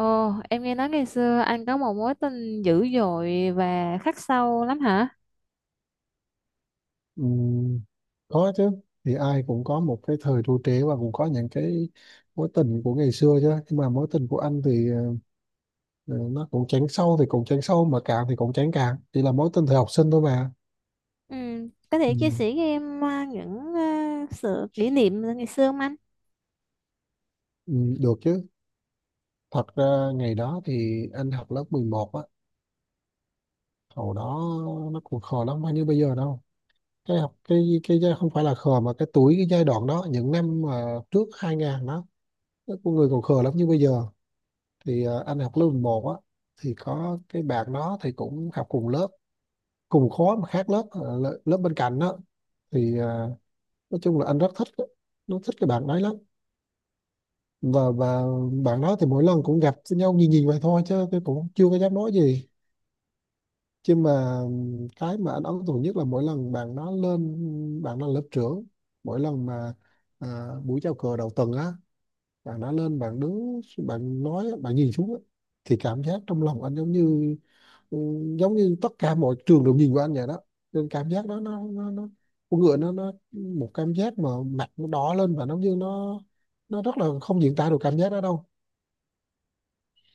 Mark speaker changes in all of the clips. Speaker 1: Ồ, em nghe nói ngày xưa anh có một mối tình dữ dội và khắc sâu lắm hả?
Speaker 2: Ừm, có chứ. Thì ai cũng có một cái thời tru trế và cũng có những cái mối tình của ngày xưa chứ, nhưng mà mối tình của anh thì ờ, nó cũng chán sâu thì cũng chán sâu, mà cạn thì cũng chán cạn, chỉ là mối tình thời học sinh thôi mà.
Speaker 1: Ừ, có thể chia
Speaker 2: Ừ,
Speaker 1: sẻ với em những sự kỷ niệm ngày xưa không anh?
Speaker 2: ừ, được chứ. Thật ra ngày đó thì anh học lớp 11 á. Hồi đó nó cũng khờ lắm, không như bây giờ đâu. Cái học cái giai- Không phải là khờ mà cái tuổi, cái giai đoạn đó, những năm mà trước 2000 đó, con người còn khờ lắm như bây giờ. Thì anh học lớp 1 á. Thì có cái bạn đó thì cũng học cùng lớp, cùng khối mà khác lớp, lớp bên cạnh đó. Thì nói chung là anh rất thích, nó thích cái bạn đấy lắm. Và bạn đó thì mỗi lần cũng gặp nhau nhìn nhìn vậy thôi, chứ tôi cũng chưa có dám nói gì. Chứ mà cái mà anh ấn tượng nhất là mỗi lần bạn đó lên, bạn đó là lớp trưởng. Mỗi lần mà buổi chào cờ đầu tuần á, bạn đã lên, bạn đứng, bạn nói, bạn nhìn xuống á, thì cảm giác trong lòng anh giống như, ừ, giống như tất cả mọi trường đều nhìn vào anh vậy đó. Nên cảm giác đó nó, con người nó một cảm giác mà mặt nó đỏ lên, và nó như nó rất là không diễn tả được cảm giác đó đâu.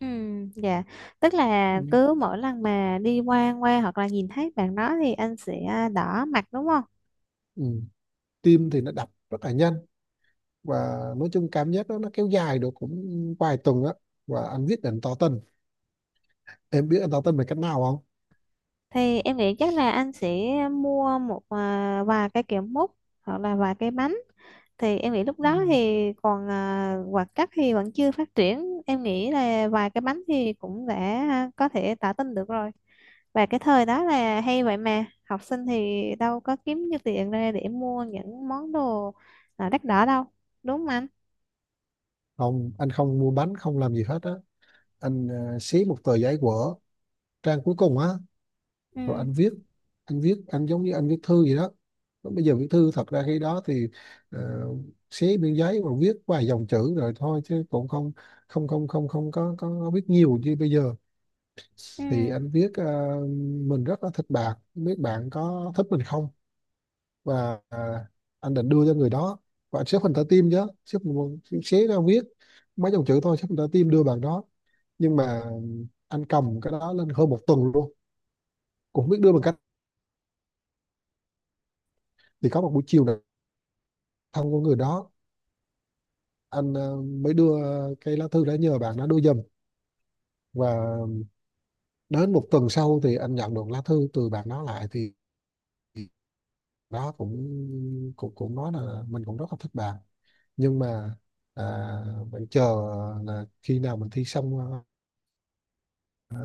Speaker 1: Ừ, dạ. Tức
Speaker 2: Ừ.
Speaker 1: là cứ mỗi lần mà đi qua qua hoặc là nhìn thấy bạn đó thì anh sẽ đỏ mặt đúng không?
Speaker 2: Ừ. Tim thì nó đập rất là nhanh. Và nói chung cảm giác đó nó kéo dài được cũng vài tuần á, và anh quyết định tỏ tình. Em biết anh tỏ tình bằng cách nào không?
Speaker 1: Thì em nghĩ chắc là anh sẽ mua một vài cái kẹo mút hoặc là vài cái bánh. Thì em nghĩ lúc
Speaker 2: Ừ.
Speaker 1: đó thì còn hoạt chất thì vẫn chưa phát triển, em nghĩ là vài cái bánh thì cũng đã có thể tả tin được rồi. Và cái thời đó là hay vậy mà, học sinh thì đâu có kiếm nhiêu tiền ra để mua những món đồ đắt đỏ đâu, đúng không anh?
Speaker 2: Không, anh không mua bánh, không làm gì hết á. Anh xé một tờ giấy của trang cuối cùng á, rồi anh viết. Anh giống như anh viết thư vậy đó. Lúc bây giờ viết thư, thật ra khi đó thì ờ, xé miếng giấy và viết vài dòng chữ rồi thôi, chứ cũng không không không không không có có viết nhiều như bây giờ. Thì anh viết mình rất là thích bạn, không biết bạn có thích mình không. Và anh định đưa cho người đó. Và anh xếp hình trái tim chứ. xếp một- Xé ra viết mấy dòng chữ thôi, xếp hình trái tim đưa bạn đó. Nhưng mà anh cầm cái đó lên hơn một tuần luôn, cũng không biết đưa bằng cách. Thì có một buổi chiều nào, thân của người đó, anh mới đưa cái lá thư, đã nhờ bạn nó đưa giùm. Và đến một tuần sau thì anh nhận được lá thư từ bạn nó lại, thì nó cũng cũng cũng nói là mình cũng rất là thích bạn. Nhưng mà à, mình chờ là khi nào mình thi xong, à,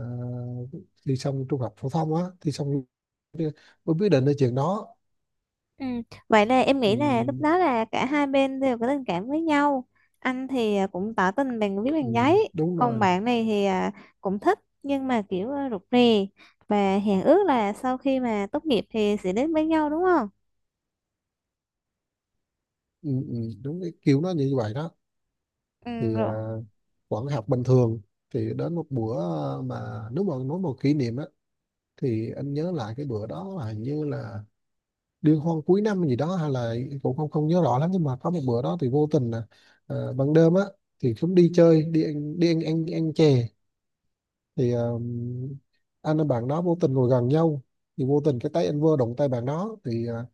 Speaker 2: thi xong trung học phổ thông á, thi xong mới quyết định cái chuyện đó.
Speaker 1: Ừ. Vậy là em
Speaker 2: Ừ,
Speaker 1: nghĩ là lúc đó là cả hai bên đều có tình cảm với nhau. Anh thì cũng tỏ tình bằng viết
Speaker 2: ừ,
Speaker 1: bằng giấy,
Speaker 2: đúng
Speaker 1: còn
Speaker 2: rồi.
Speaker 1: bạn này thì cũng thích nhưng mà kiểu rụt rè và hẹn ước là sau khi mà tốt nghiệp thì sẽ đến với nhau đúng không?
Speaker 2: Ừ, ừ, đúng cái kiểu nó như vậy đó.
Speaker 1: Ừ,
Speaker 2: Thì
Speaker 1: rồi.
Speaker 2: vẫn học bình thường. Thì đến một bữa, mà nếu mà nói một kỷ niệm á, thì anh nhớ lại cái bữa đó là hình như là liên hoan cuối năm gì đó hay là, cũng không không nhớ rõ lắm. Nhưng mà có một bữa đó thì vô tình là ban đêm á, thì cũng đi chơi, đi ăn, ăn chè. Thì anh và bạn đó vô tình ngồi gần nhau. Thì vô tình cái tay anh vơ đụng tay bạn đó thì à,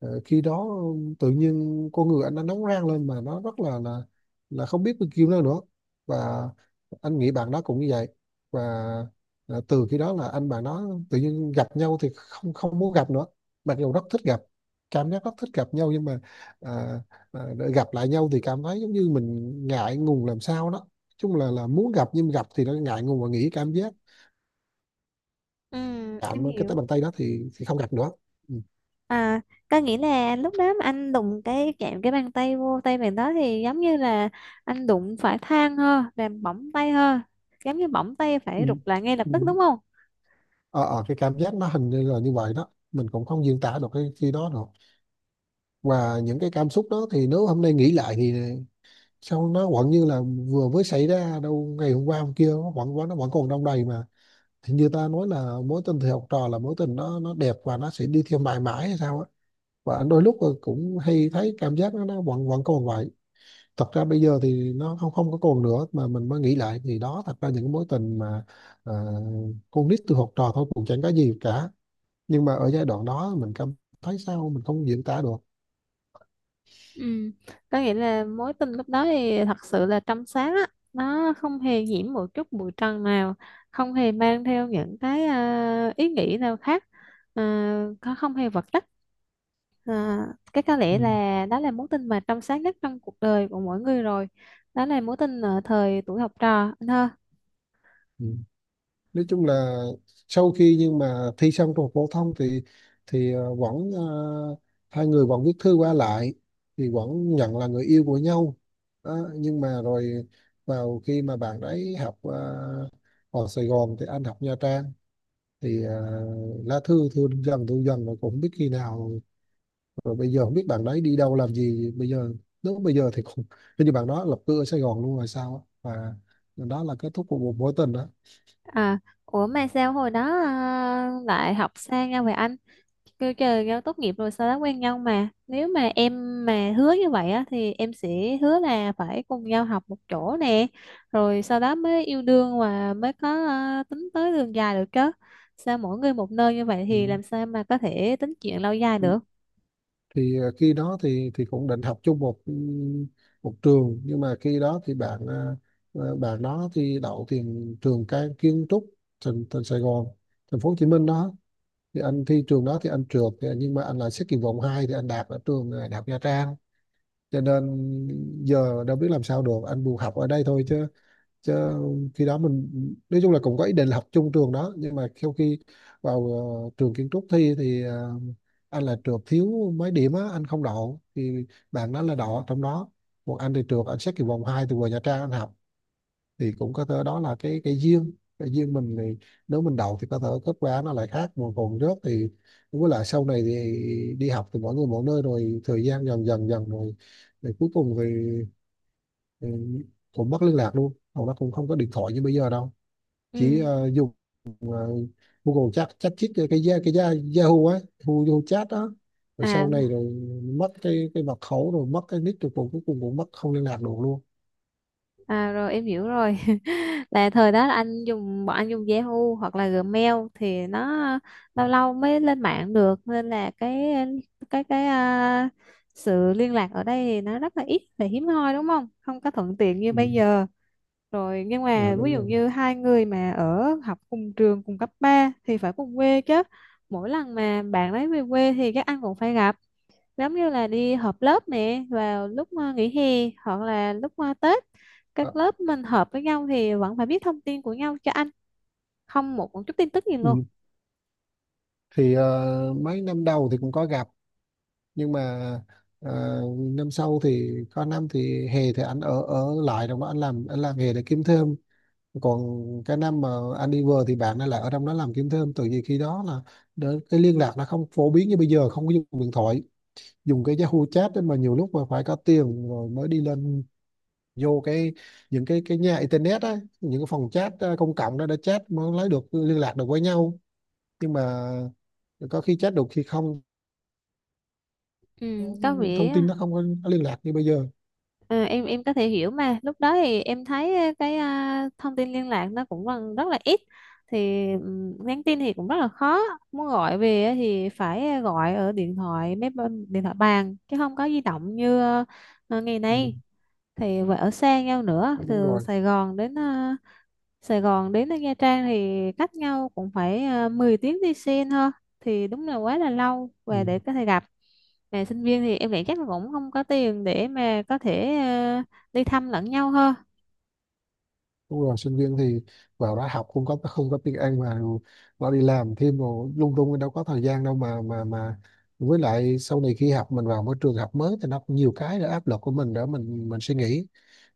Speaker 2: Ờ, khi đó tự nhiên con người anh nó nóng rang lên, mà nó rất là không biết bao nhiêu nữa nữa. Và anh nghĩ bạn đó cũng như vậy. Và từ khi đó là anh bạn đó tự nhiên gặp nhau thì không không muốn gặp nữa, mặc dù rất thích gặp, cảm giác rất thích gặp nhau. Nhưng mà à, để gặp lại nhau thì cảm thấy giống như mình ngại ngùng làm sao đó. Nói chung là muốn gặp, nhưng gặp thì nó ngại ngùng, và nghĩ cảm giác
Speaker 1: Ừ, em
Speaker 2: chạm cái tay,
Speaker 1: hiểu.
Speaker 2: bàn tay đó, thì không gặp nữa. Ừ.
Speaker 1: À, có nghĩa là lúc đó mà anh đụng cái chạm cái bàn tay vô tay bạn đó thì giống như là anh đụng phải than ha làm bỏng tay ha, giống như bỏng tay
Speaker 2: Ừ.
Speaker 1: phải rụt lại ngay lập tức
Speaker 2: Ừ.
Speaker 1: đúng không?
Speaker 2: Ờ, cái cảm giác nó hình như là như vậy đó, mình cũng không diễn tả được cái khi đó được. Và những cái cảm xúc đó thì nếu hôm nay nghĩ lại thì sao nó vẫn như là vừa mới xảy ra đâu, ngày hôm qua hôm kia, nó vẫn vẫn nó vẫn còn đong đầy mà. Thì như ta nói là mối tình thì học trò là mối tình nó đẹp và nó sẽ đi theo mãi mãi hay sao á. Và đôi lúc là cũng hay thấy cảm giác nó vẫn vẫn còn vậy. Thật ra bây giờ thì nó không không có còn nữa, mà mình mới nghĩ lại thì đó, thật ra những cái mối tình mà ờ, con nít từ học trò thôi cũng chẳng có gì cả. Nhưng mà ở giai đoạn đó mình cảm thấy sao mình không diễn tả được.
Speaker 1: Ừ. Có nghĩa là mối tình lúc đó thì thật sự là trong sáng á, nó không hề nhiễm một chút bụi trần nào, không hề mang theo những cái ý nghĩ nào khác, có không hề vật chất, à, cái có
Speaker 2: Ừ.
Speaker 1: lẽ là đó là mối tình mà trong sáng nhất trong cuộc đời của mỗi người rồi. Đó là mối tình ở thời tuổi học trò.
Speaker 2: Ừ. Nói chung là sau khi, nhưng mà thi xong trung học phổ thông, thì thì ờ, vẫn ờ, hai người vẫn viết thư qua lại, thì vẫn nhận là người yêu của nhau. Đó, nhưng mà rồi vào khi mà bạn ấy học ở Sài Gòn thì anh học Nha Trang. Thì lá thư thư dần mà cũng không biết khi nào. Rồi bây giờ không biết bạn đấy đi đâu làm gì bây giờ. Nếu bây giờ thì cũng hình như bạn đó lập cư ở Sài Gòn luôn rồi sao á. Và đó là kết thúc của một mối tình đó.
Speaker 1: À, ủa mà sao hồi đó lại học xa nhau vậy anh? Kêu trời nhau tốt nghiệp rồi sao đã quen nhau mà. Nếu mà em mà hứa như vậy á thì em sẽ hứa là phải cùng nhau học một chỗ nè. Rồi sau đó mới yêu đương và mới có tính tới đường dài được chứ. Sao mỗi người một nơi như vậy
Speaker 2: Ừ.
Speaker 1: thì làm sao mà có thể tính chuyện lâu dài
Speaker 2: Ừ,
Speaker 1: được?
Speaker 2: thì khi đó thì cũng định học chung một, ừ, một trường. Nhưng mà khi đó thì bạn, bạn đó thì đậu tiền trường cái kiến trúc, thành thành Sài Gòn, thành phố Hồ Chí Minh đó. Thì anh thi trường đó thì anh trượt. Nhưng mà anh lại xét kỳ vọng 2 thì anh đạt ở trường, Đại học Nha Trang. Cho nên giờ đâu biết làm sao được, anh buộc học ở đây thôi chứ. Chứ khi đó mình, nói chung là cũng có ý định là học chung trường đó. Nhưng mà sau khi vào trường kiến trúc thi thì anh là trượt, thiếu mấy điểm á, anh không đậu. Thì bạn đó là đậu ở trong đó, một anh thì trượt, anh xét kỳ vòng 2 từ vừa Nha Trang anh học. Thì cũng có thể đó là cái duyên, cái duyên mình. Thì nếu mình đậu thì có thể kết quả nó lại khác, mà còn rớt thì đúng. Với lại sau này thì đi học thì mỗi người mỗi nơi rồi, thời gian dần dần dần rồi, rồi cuối cùng thì, ừ, cũng mất liên lạc luôn. Hầu nó cũng không có điện thoại như bây giờ đâu. Chỉ
Speaker 1: Ừ.
Speaker 2: dùng ờ, Google chat chat chít cái Yahoo á, Yahoo, Yahoo chat đó. Rồi
Speaker 1: À.
Speaker 2: sau này rồi mất cái mật khẩu rồi mất cái nick rồi, cũng cuối cùng cũng mất, không liên lạc được luôn.
Speaker 1: À, rồi em hiểu rồi là thời đó là anh dùng bọn anh dùng Yahoo hoặc là Gmail thì nó
Speaker 2: Ừ,
Speaker 1: lâu lâu mới lên mạng được nên là cái cái à, sự liên lạc ở đây thì nó rất là ít và hiếm hoi đúng không, không có thuận tiện như
Speaker 2: ừ,
Speaker 1: bây giờ. Rồi nhưng
Speaker 2: rồi
Speaker 1: mà ví
Speaker 2: đúng
Speaker 1: dụ
Speaker 2: rồi.
Speaker 1: như hai người mà ở học cùng trường cùng cấp 3 thì phải cùng quê chứ. Mỗi lần mà bạn ấy về quê thì các anh cũng phải gặp, giống như là đi họp lớp nè vào lúc nghỉ hè hoặc là lúc Tết,
Speaker 2: Ờ,
Speaker 1: các lớp mình hợp với nhau thì vẫn phải biết thông tin của nhau cho anh, không một một chút tin tức gì luôn.
Speaker 2: ừ. Thì mấy năm đầu thì cũng có gặp. Nhưng mà năm sau thì có năm thì hè thì anh ở ở lại rồi, mà anh làm, anh làm nghề để kiếm thêm. Còn cái năm mà anh đi vừa thì bạn ấy lại ở trong đó làm kiếm thêm. Từ vì khi đó là đỡ- cái liên lạc nó không phổ biến như bây giờ, không có dùng điện thoại, dùng cái Yahoo chat đấy. Mà nhiều lúc mà phải có tiền rồi mới đi lên vô cái, những cái nhà internet á, những cái phòng chat công cộng đó để chat mới lấy được, liên lạc được với nhau. Nhưng mà có khi chat được khi không,
Speaker 1: ừ, có
Speaker 2: thông
Speaker 1: vẻ
Speaker 2: tin nó không có liên lạc như bây giờ.
Speaker 1: ờ, em có thể hiểu mà lúc đó thì em thấy cái thông tin liên lạc nó cũng còn rất là ít, thì nhắn tin thì cũng rất là khó, muốn gọi về thì phải gọi ở điện thoại máy bên- điện thoại bàn chứ không có di động như ngày
Speaker 2: Ừ,
Speaker 1: nay, thì phải ở xa nhau nữa
Speaker 2: đúng
Speaker 1: từ
Speaker 2: rồi.
Speaker 1: Sài Gòn đến Nha Trang thì cách nhau cũng phải 10 tiếng đi xe thôi, thì đúng là quá là lâu
Speaker 2: Ừ.
Speaker 1: và để có thể gặp, mà sinh viên thì em nghĩ chắc là cũng không có tiền để mà có thể đi thăm lẫn nhau thôi.
Speaker 2: Đúng rồi, sinh viên thì vào đó học, không có tiếng Anh mà. Nó đi làm thêm rồi lung tung, đâu có thời gian đâu mà mà. Với lại sau này khi học mình vào môi trường học mới thì nó cũng nhiều cái nữa, áp lực của mình đó, mình suy nghĩ,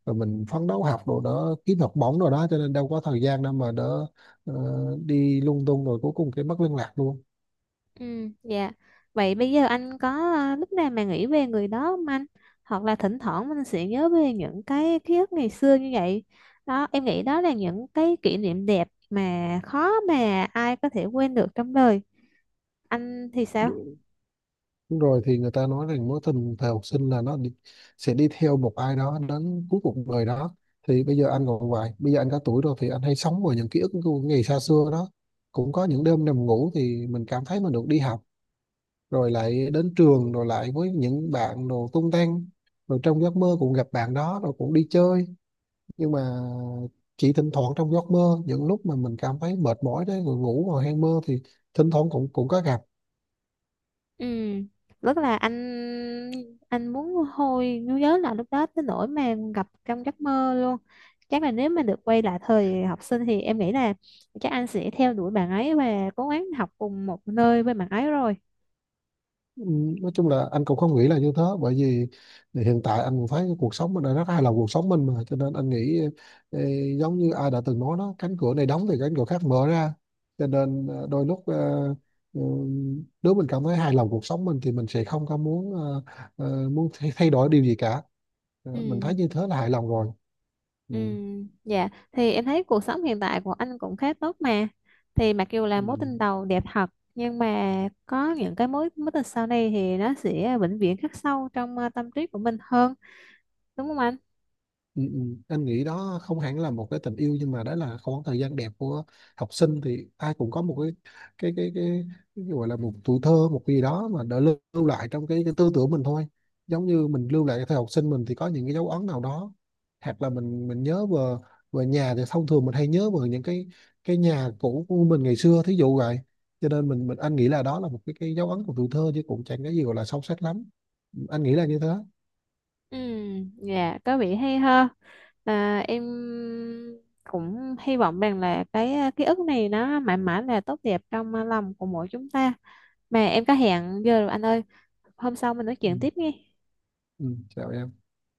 Speaker 2: rồi mình phấn đấu học đồ đó, kiếm học bổng rồi đó. Cho nên đâu có thời gian đâu mà đỡ, ờ, đi lung tung. Rồi cuối cùng cái mất liên lạc luôn.
Speaker 1: Ừ, dạ. Vậy bây giờ anh có lúc nào mà nghĩ về người đó không anh? Hoặc là thỉnh thoảng mình sẽ nhớ về những cái ký ức ngày xưa như vậy. Đó, em nghĩ đó là những cái kỷ niệm đẹp mà khó mà ai có thể quên được trong đời. Anh thì sao?
Speaker 2: Đúng rồi, thì người ta nói rằng mối tình thời học sinh là nó đi, sẽ đi theo một ai đó đến cuối cuộc đời đó. Thì bây giờ anh còn vậy, bây giờ anh có tuổi rồi, thì anh hay sống vào những ký ức của ngày xa xưa đó. Cũng có những đêm nằm ngủ thì mình cảm thấy mình được đi học, rồi lại đến trường, rồi lại với những bạn đồ tung tăng, rồi trong giấc mơ cũng gặp bạn đó rồi cũng đi chơi. Nhưng mà chỉ thỉnh thoảng trong giấc mơ, những lúc mà mình cảm thấy mệt mỏi đấy, rồi ngủ rồi hay mơ, thì thỉnh thoảng cũng cũng có gặp.
Speaker 1: Ừ, rất là anh muốn hồi nhớ là lúc đó tới nỗi mà gặp trong giấc mơ luôn. Chắc là nếu mà được quay lại thời học sinh thì em nghĩ là chắc anh sẽ theo đuổi bạn ấy và cố gắng học cùng một nơi với bạn ấy rồi.
Speaker 2: Ừ, nói chung là anh cũng không nghĩ là như thế. Bởi vì hiện tại anh cũng thấy cái cuộc sống mình đã rất hài lòng cuộc sống mình, mà cho nên anh nghĩ, ê, giống như ai đã từng nói đó, cánh cửa này đóng thì cánh cửa khác mở ra. Cho nên đôi lúc ừ, nếu mình cảm thấy hài lòng cuộc sống mình thì mình sẽ không có muốn, muốn thay thay đổi điều gì cả. Ờ, mình
Speaker 1: Ừ,
Speaker 2: thấy như thế là hài lòng rồi. Ừ.
Speaker 1: ừ, dạ. Thì em thấy cuộc sống hiện tại của anh cũng khá tốt mà. Thì mặc dù là mối
Speaker 2: Ừ.
Speaker 1: tình đầu đẹp thật, nhưng mà có những cái mối mối tình sau này thì nó sẽ vĩnh viễn khắc sâu trong tâm trí của mình hơn, đúng không anh?
Speaker 2: Ừ, ừ. Anh nghĩ đó không hẳn là một cái tình yêu, nhưng mà đó là khoảng thời gian đẹp của học sinh. Thì ai cũng có một cái cái cái cái, cái gọi là một tuổi thơ, một cái gì đó mà đã lưu lại trong cái tư tưởng mình thôi. Giống như mình lưu lại cái thời học sinh mình, thì có những cái dấu ấn nào đó, hoặc là mình nhớ về, về nhà thì thông thường mình hay nhớ về những cái nhà cũ của mình ngày xưa thí dụ vậy. Cho nên mình anh nghĩ là đó là một cái dấu ấn của tuổi thơ, chứ cũng chẳng cái gì gọi là sâu sắc lắm. Anh nghĩ là như thế.
Speaker 1: Ừ, dạ có vẻ hay ha. À, em cũng hy vọng rằng là cái ký ức này nó mãi mãi là tốt đẹp trong lòng của mỗi chúng ta. Mà em có hẹn giờ rồi anh ơi, hôm sau mình nói
Speaker 2: Ừ.
Speaker 1: chuyện tiếp nghe.
Speaker 2: Ừ. Chào em.